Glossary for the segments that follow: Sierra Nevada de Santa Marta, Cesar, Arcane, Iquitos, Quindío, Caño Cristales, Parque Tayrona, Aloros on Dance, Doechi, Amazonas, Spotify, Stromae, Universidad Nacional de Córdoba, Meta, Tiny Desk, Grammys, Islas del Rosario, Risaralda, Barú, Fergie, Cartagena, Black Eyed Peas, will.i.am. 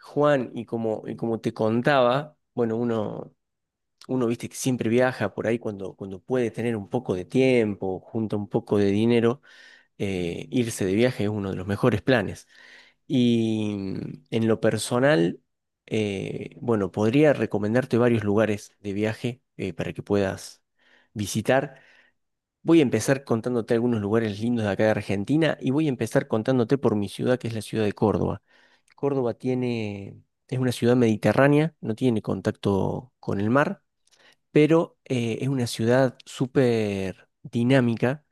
Juan, y como te contaba, bueno, uno viste que siempre viaja por ahí cuando puede tener un poco de tiempo, junta un poco de dinero, irse de viaje es uno de los mejores planes. Y en lo personal, bueno, podría recomendarte varios lugares de viaje para que puedas visitar. Voy a empezar contándote algunos lugares lindos de acá de Argentina y voy a empezar contándote por mi ciudad, que es la ciudad de Córdoba. Córdoba tiene, es una ciudad mediterránea, no tiene contacto con el mar, pero es una ciudad súper dinámica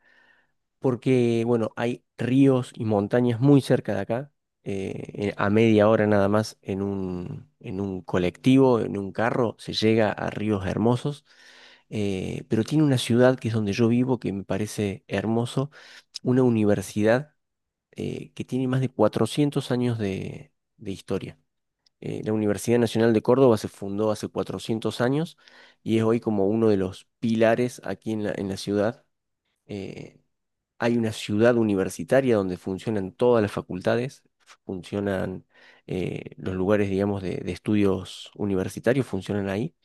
porque, bueno, hay ríos y montañas muy cerca de acá, eh, a media hora nada más en en un colectivo, en un carro, se llega a ríos hermosos, pero tiene una ciudad que es donde yo vivo que me parece hermoso, una universidad que tiene más de 400 años de historia. La Universidad Nacional de Córdoba se fundó hace 400 años y es hoy como uno de los pilares aquí en en la ciudad. Eh, Hay una ciudad universitaria donde funcionan todas las facultades, funcionan los lugares, digamos, de estudios universitarios, funcionan ahí.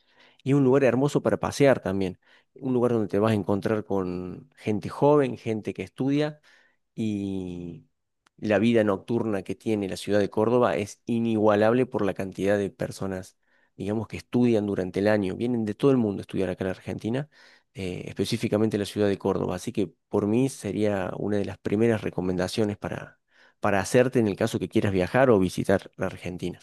Y es un lugar hermoso para pasear también, un lugar donde te vas a encontrar con gente joven, gente que estudia y la vida nocturna que tiene la ciudad de Córdoba es inigualable por la cantidad de personas, digamos, que estudian durante el año. Vienen de todo el mundo a estudiar acá en la Argentina, específicamente la ciudad de Córdoba. Así que por mí sería una de las primeras recomendaciones para hacerte en el caso que quieras viajar o visitar la Argentina.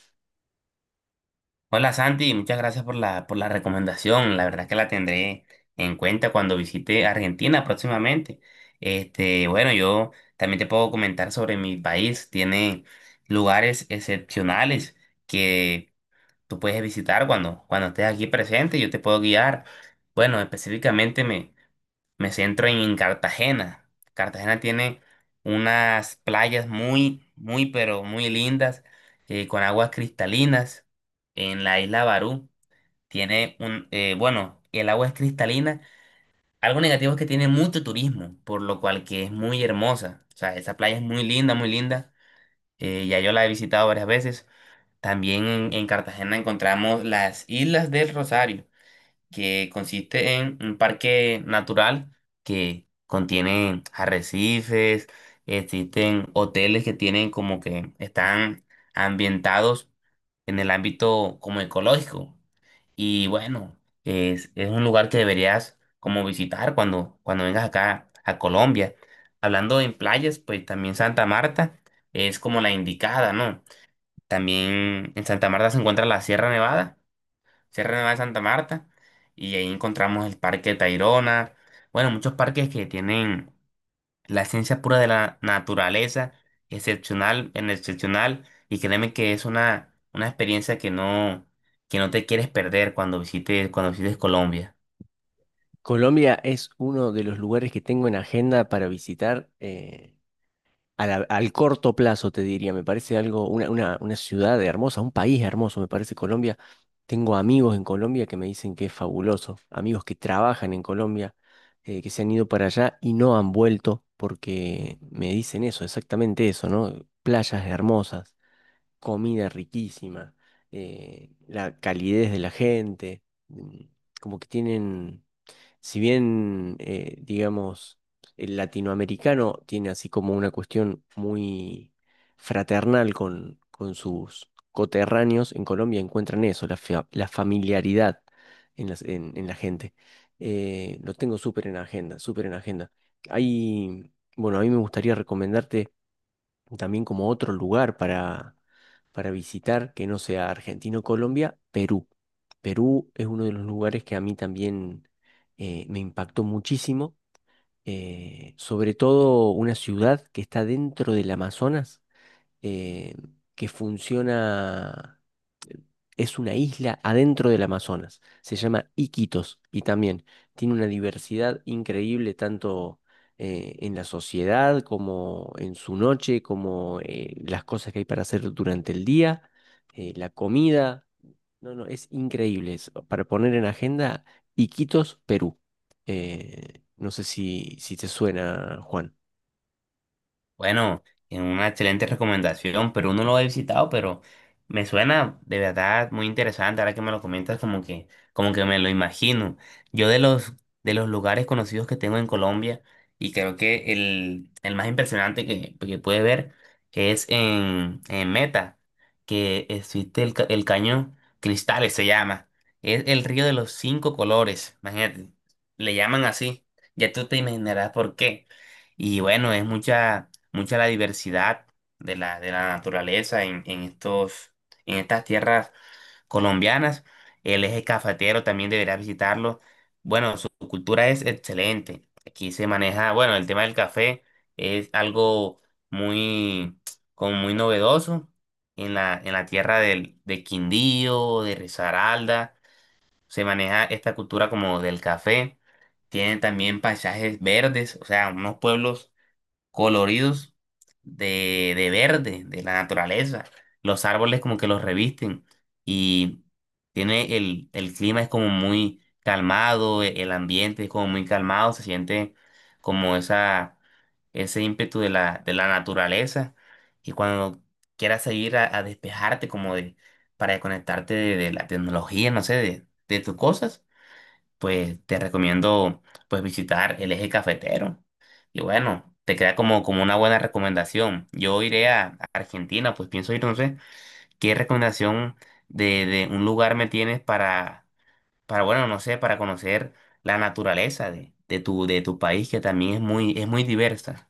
Hola Santi, muchas gracias por la recomendación. La verdad que la tendré en cuenta cuando visite Argentina próximamente. Yo también te puedo comentar sobre mi país. Tiene lugares excepcionales que tú puedes visitar cuando estés aquí presente. Yo te puedo guiar. Bueno, específicamente me centro en Cartagena. Cartagena tiene unas playas muy, muy, pero muy lindas, con aguas cristalinas. En la isla Barú tiene un, el agua es cristalina. Algo negativo es que tiene mucho turismo, por lo cual que es muy hermosa. O sea, esa playa es muy linda, muy linda. Ya yo la he visitado varias veces. También en Cartagena encontramos las Islas del Rosario que consiste en un parque natural que contiene arrecifes, existen hoteles que tienen como que están ambientados en el ámbito como ecológico. Y bueno, es un lugar que deberías como visitar cuando vengas acá a Colombia. Hablando en playas, pues también Santa Marta es como la indicada, ¿no? También en Santa Marta se encuentra la Sierra Nevada de Santa Marta, y ahí encontramos el Parque Tayrona, bueno, muchos parques que tienen la esencia pura de la naturaleza, excepcional, y créeme que es una experiencia que no te quieres perder cuando visites Colombia. Colombia es uno de los lugares que tengo en agenda para visitar. Al corto plazo, te diría. Me parece algo, una ciudad hermosa, un país hermoso, me parece Colombia. Tengo amigos en Colombia que me dicen que es fabuloso, amigos que trabajan en Colombia, que se han ido para allá y no han vuelto porque me dicen eso, exactamente eso, ¿no? Playas hermosas, comida riquísima, la calidez de la gente, mm, como que tienen si bien, digamos, el latinoamericano tiene así como una cuestión muy fraternal con sus coterráneos, en Colombia encuentran eso, la familiaridad en la gente. Lo tengo súper en agenda, súper en agenda. Hay, bueno, a mí me gustaría recomendarte también como otro lugar para visitar que no sea Argentina o Colombia, Perú. Perú es uno de los lugares que a mí también me impactó muchísimo, sobre todo una ciudad que está dentro del Amazonas eh, que funciona, eh, es una isla adentro del Amazonas, se llama Iquitos y también tiene una diversidad increíble tanto en la sociedad como en su noche, como las cosas que hay para hacer durante el día, la comida. No, no, es increíble eso. Para poner en agenda, Iquitos, Perú. No sé si te suena, Juan. Bueno, es una excelente recomendación, pero uno lo he visitado, pero me suena de verdad muy interesante. Ahora que me lo comentas, como que me lo imagino. Yo de los lugares conocidos que tengo en Colombia, y creo que el más impresionante que puede ver es en Meta, que existe el cañón Cristales, se llama. Es el río de los cinco colores, imagínate, le llaman así. Ya tú te imaginarás por qué. Y bueno, es mucha la diversidad de la naturaleza en en estas tierras colombianas. El eje cafetero también deberá visitarlo. Bueno, su cultura es excelente. Aquí se maneja, bueno, el tema del café es algo muy, como muy novedoso en la tierra de Quindío, de Risaralda. Se maneja esta cultura como del café. Tienen también paisajes verdes, o sea, unos pueblos coloridos de verde, de la naturaleza. Los árboles como que los revisten y tiene el clima es como muy calmado, el ambiente es como muy calmado, se siente como esa, ese ímpetu de la naturaleza. Y cuando quieras salir a despejarte para desconectarte de la tecnología, no sé, de tus cosas pues te recomiendo pues visitar el eje cafetero. Y bueno, te queda como, como una buena recomendación. Yo iré a Argentina, pues pienso ir, no sé, ¿qué recomendación de un lugar me tienes para, bueno, no sé, para conocer la naturaleza de tu país, que también es muy diversa?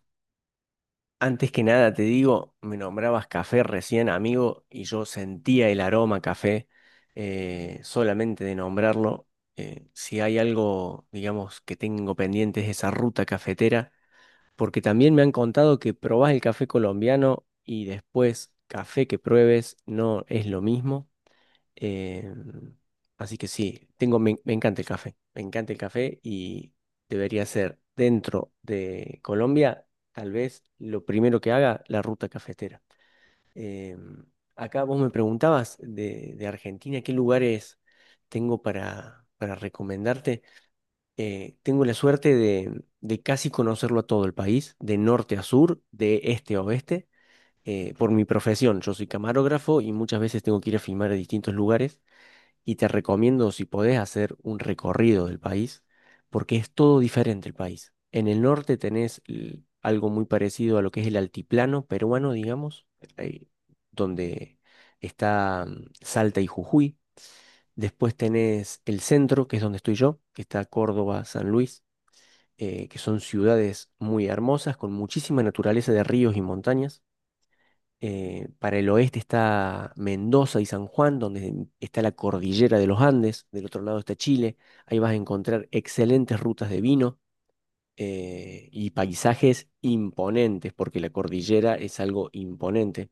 Antes que nada, te digo, me nombrabas café recién, amigo, y yo sentía el aroma a café solamente de nombrarlo. Si hay algo, digamos, que tengo pendiente es esa ruta cafetera, porque también me han contado que probás el café colombiano y después café que pruebes no es lo mismo. Eh, Así que sí, tengo, me encanta el café, me encanta el café y debería ser dentro de Colombia, tal vez lo primero que haga la ruta cafetera. Eh, Acá vos me preguntabas de Argentina, ¿qué lugares tengo para recomendarte? Tengo la suerte de casi conocerlo a todo el país, de norte a sur, de este a oeste. Por mi profesión, yo soy camarógrafo y muchas veces tengo que ir a filmar a distintos lugares y te recomiendo si podés hacer un recorrido del país, porque es todo diferente el país. En el norte tenés algo muy parecido a lo que es el altiplano peruano, digamos, eh, donde está Salta y Jujuy. Después tenés el centro, que es donde estoy yo, que está Córdoba, San Luis, que son ciudades muy hermosas, con muchísima naturaleza de ríos y montañas. Para el oeste está Mendoza y San Juan, donde está la cordillera de los Andes. Del otro lado está Chile. Ahí vas a encontrar excelentes rutas de vino y paisajes imponentes, porque la cordillera es algo imponente.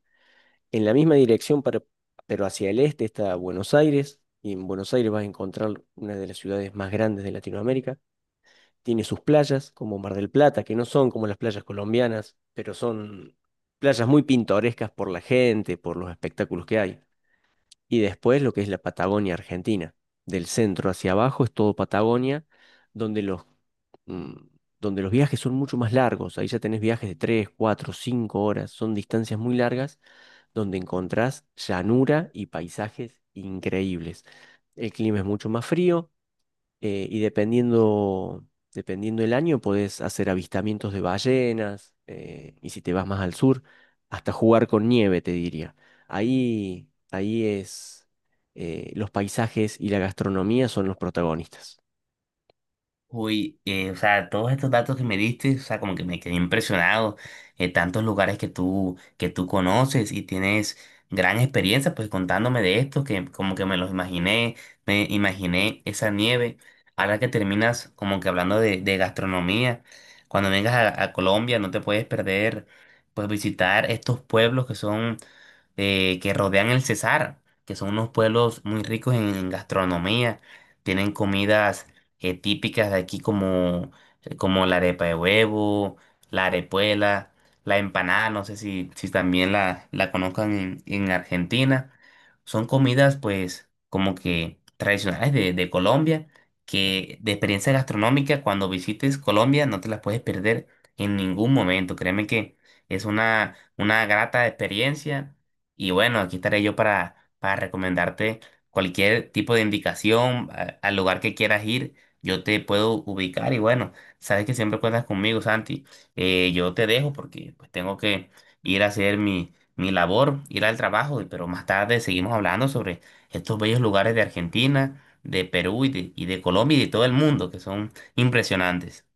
En la misma dirección, pero hacia el este está Buenos Aires. Y en Buenos Aires vas a encontrar una de las ciudades más grandes de Latinoamérica. Tiene sus playas, como Mar del Plata, que no son como las playas colombianas, pero son playas muy pintorescas por la gente, por los espectáculos que hay. Y después lo que es la Patagonia Argentina. Del centro hacia abajo es todo Patagonia, donde mm, donde los viajes son mucho más largos. Ahí ya tenés viajes de 3 4 5 horas. Son distancias muy largas donde encontrás llanura y paisajes increíbles. El clima es mucho más frío. Y dependiendo el año, podés hacer avistamientos de ballenas, y si te vas más al sur, hasta jugar con nieve, te diría. Ahí es, los paisajes y la gastronomía son los protagonistas. Uy, o sea, todos estos datos que me diste, o sea, como que me quedé impresionado. Tantos lugares que tú conoces y tienes gran experiencia, pues contándome de esto, que como que me los imaginé, me imaginé esa nieve. Ahora que terminas como que hablando de gastronomía, cuando vengas a Colombia no te puedes perder, pues visitar estos pueblos que son que rodean el Cesar, que son unos pueblos muy ricos en gastronomía. Tienen comidas típicas de aquí como, como la arepa de huevo, la arepuela, la empanada, no sé si también la conozcan en Argentina. Son comidas pues como que tradicionales de Colombia, que de experiencia gastronómica cuando visites Colombia no te las puedes perder en ningún momento. Créeme que es una grata experiencia y bueno, aquí estaré yo para recomendarte cualquier tipo de indicación al lugar que quieras ir. Yo te puedo ubicar y bueno, sabes que siempre cuentas conmigo, Santi. Yo te dejo porque pues tengo que ir a hacer mi labor, ir al trabajo, pero más tarde seguimos hablando sobre estos bellos lugares de Argentina, de Perú y de Colombia y de todo el mundo que son impresionantes.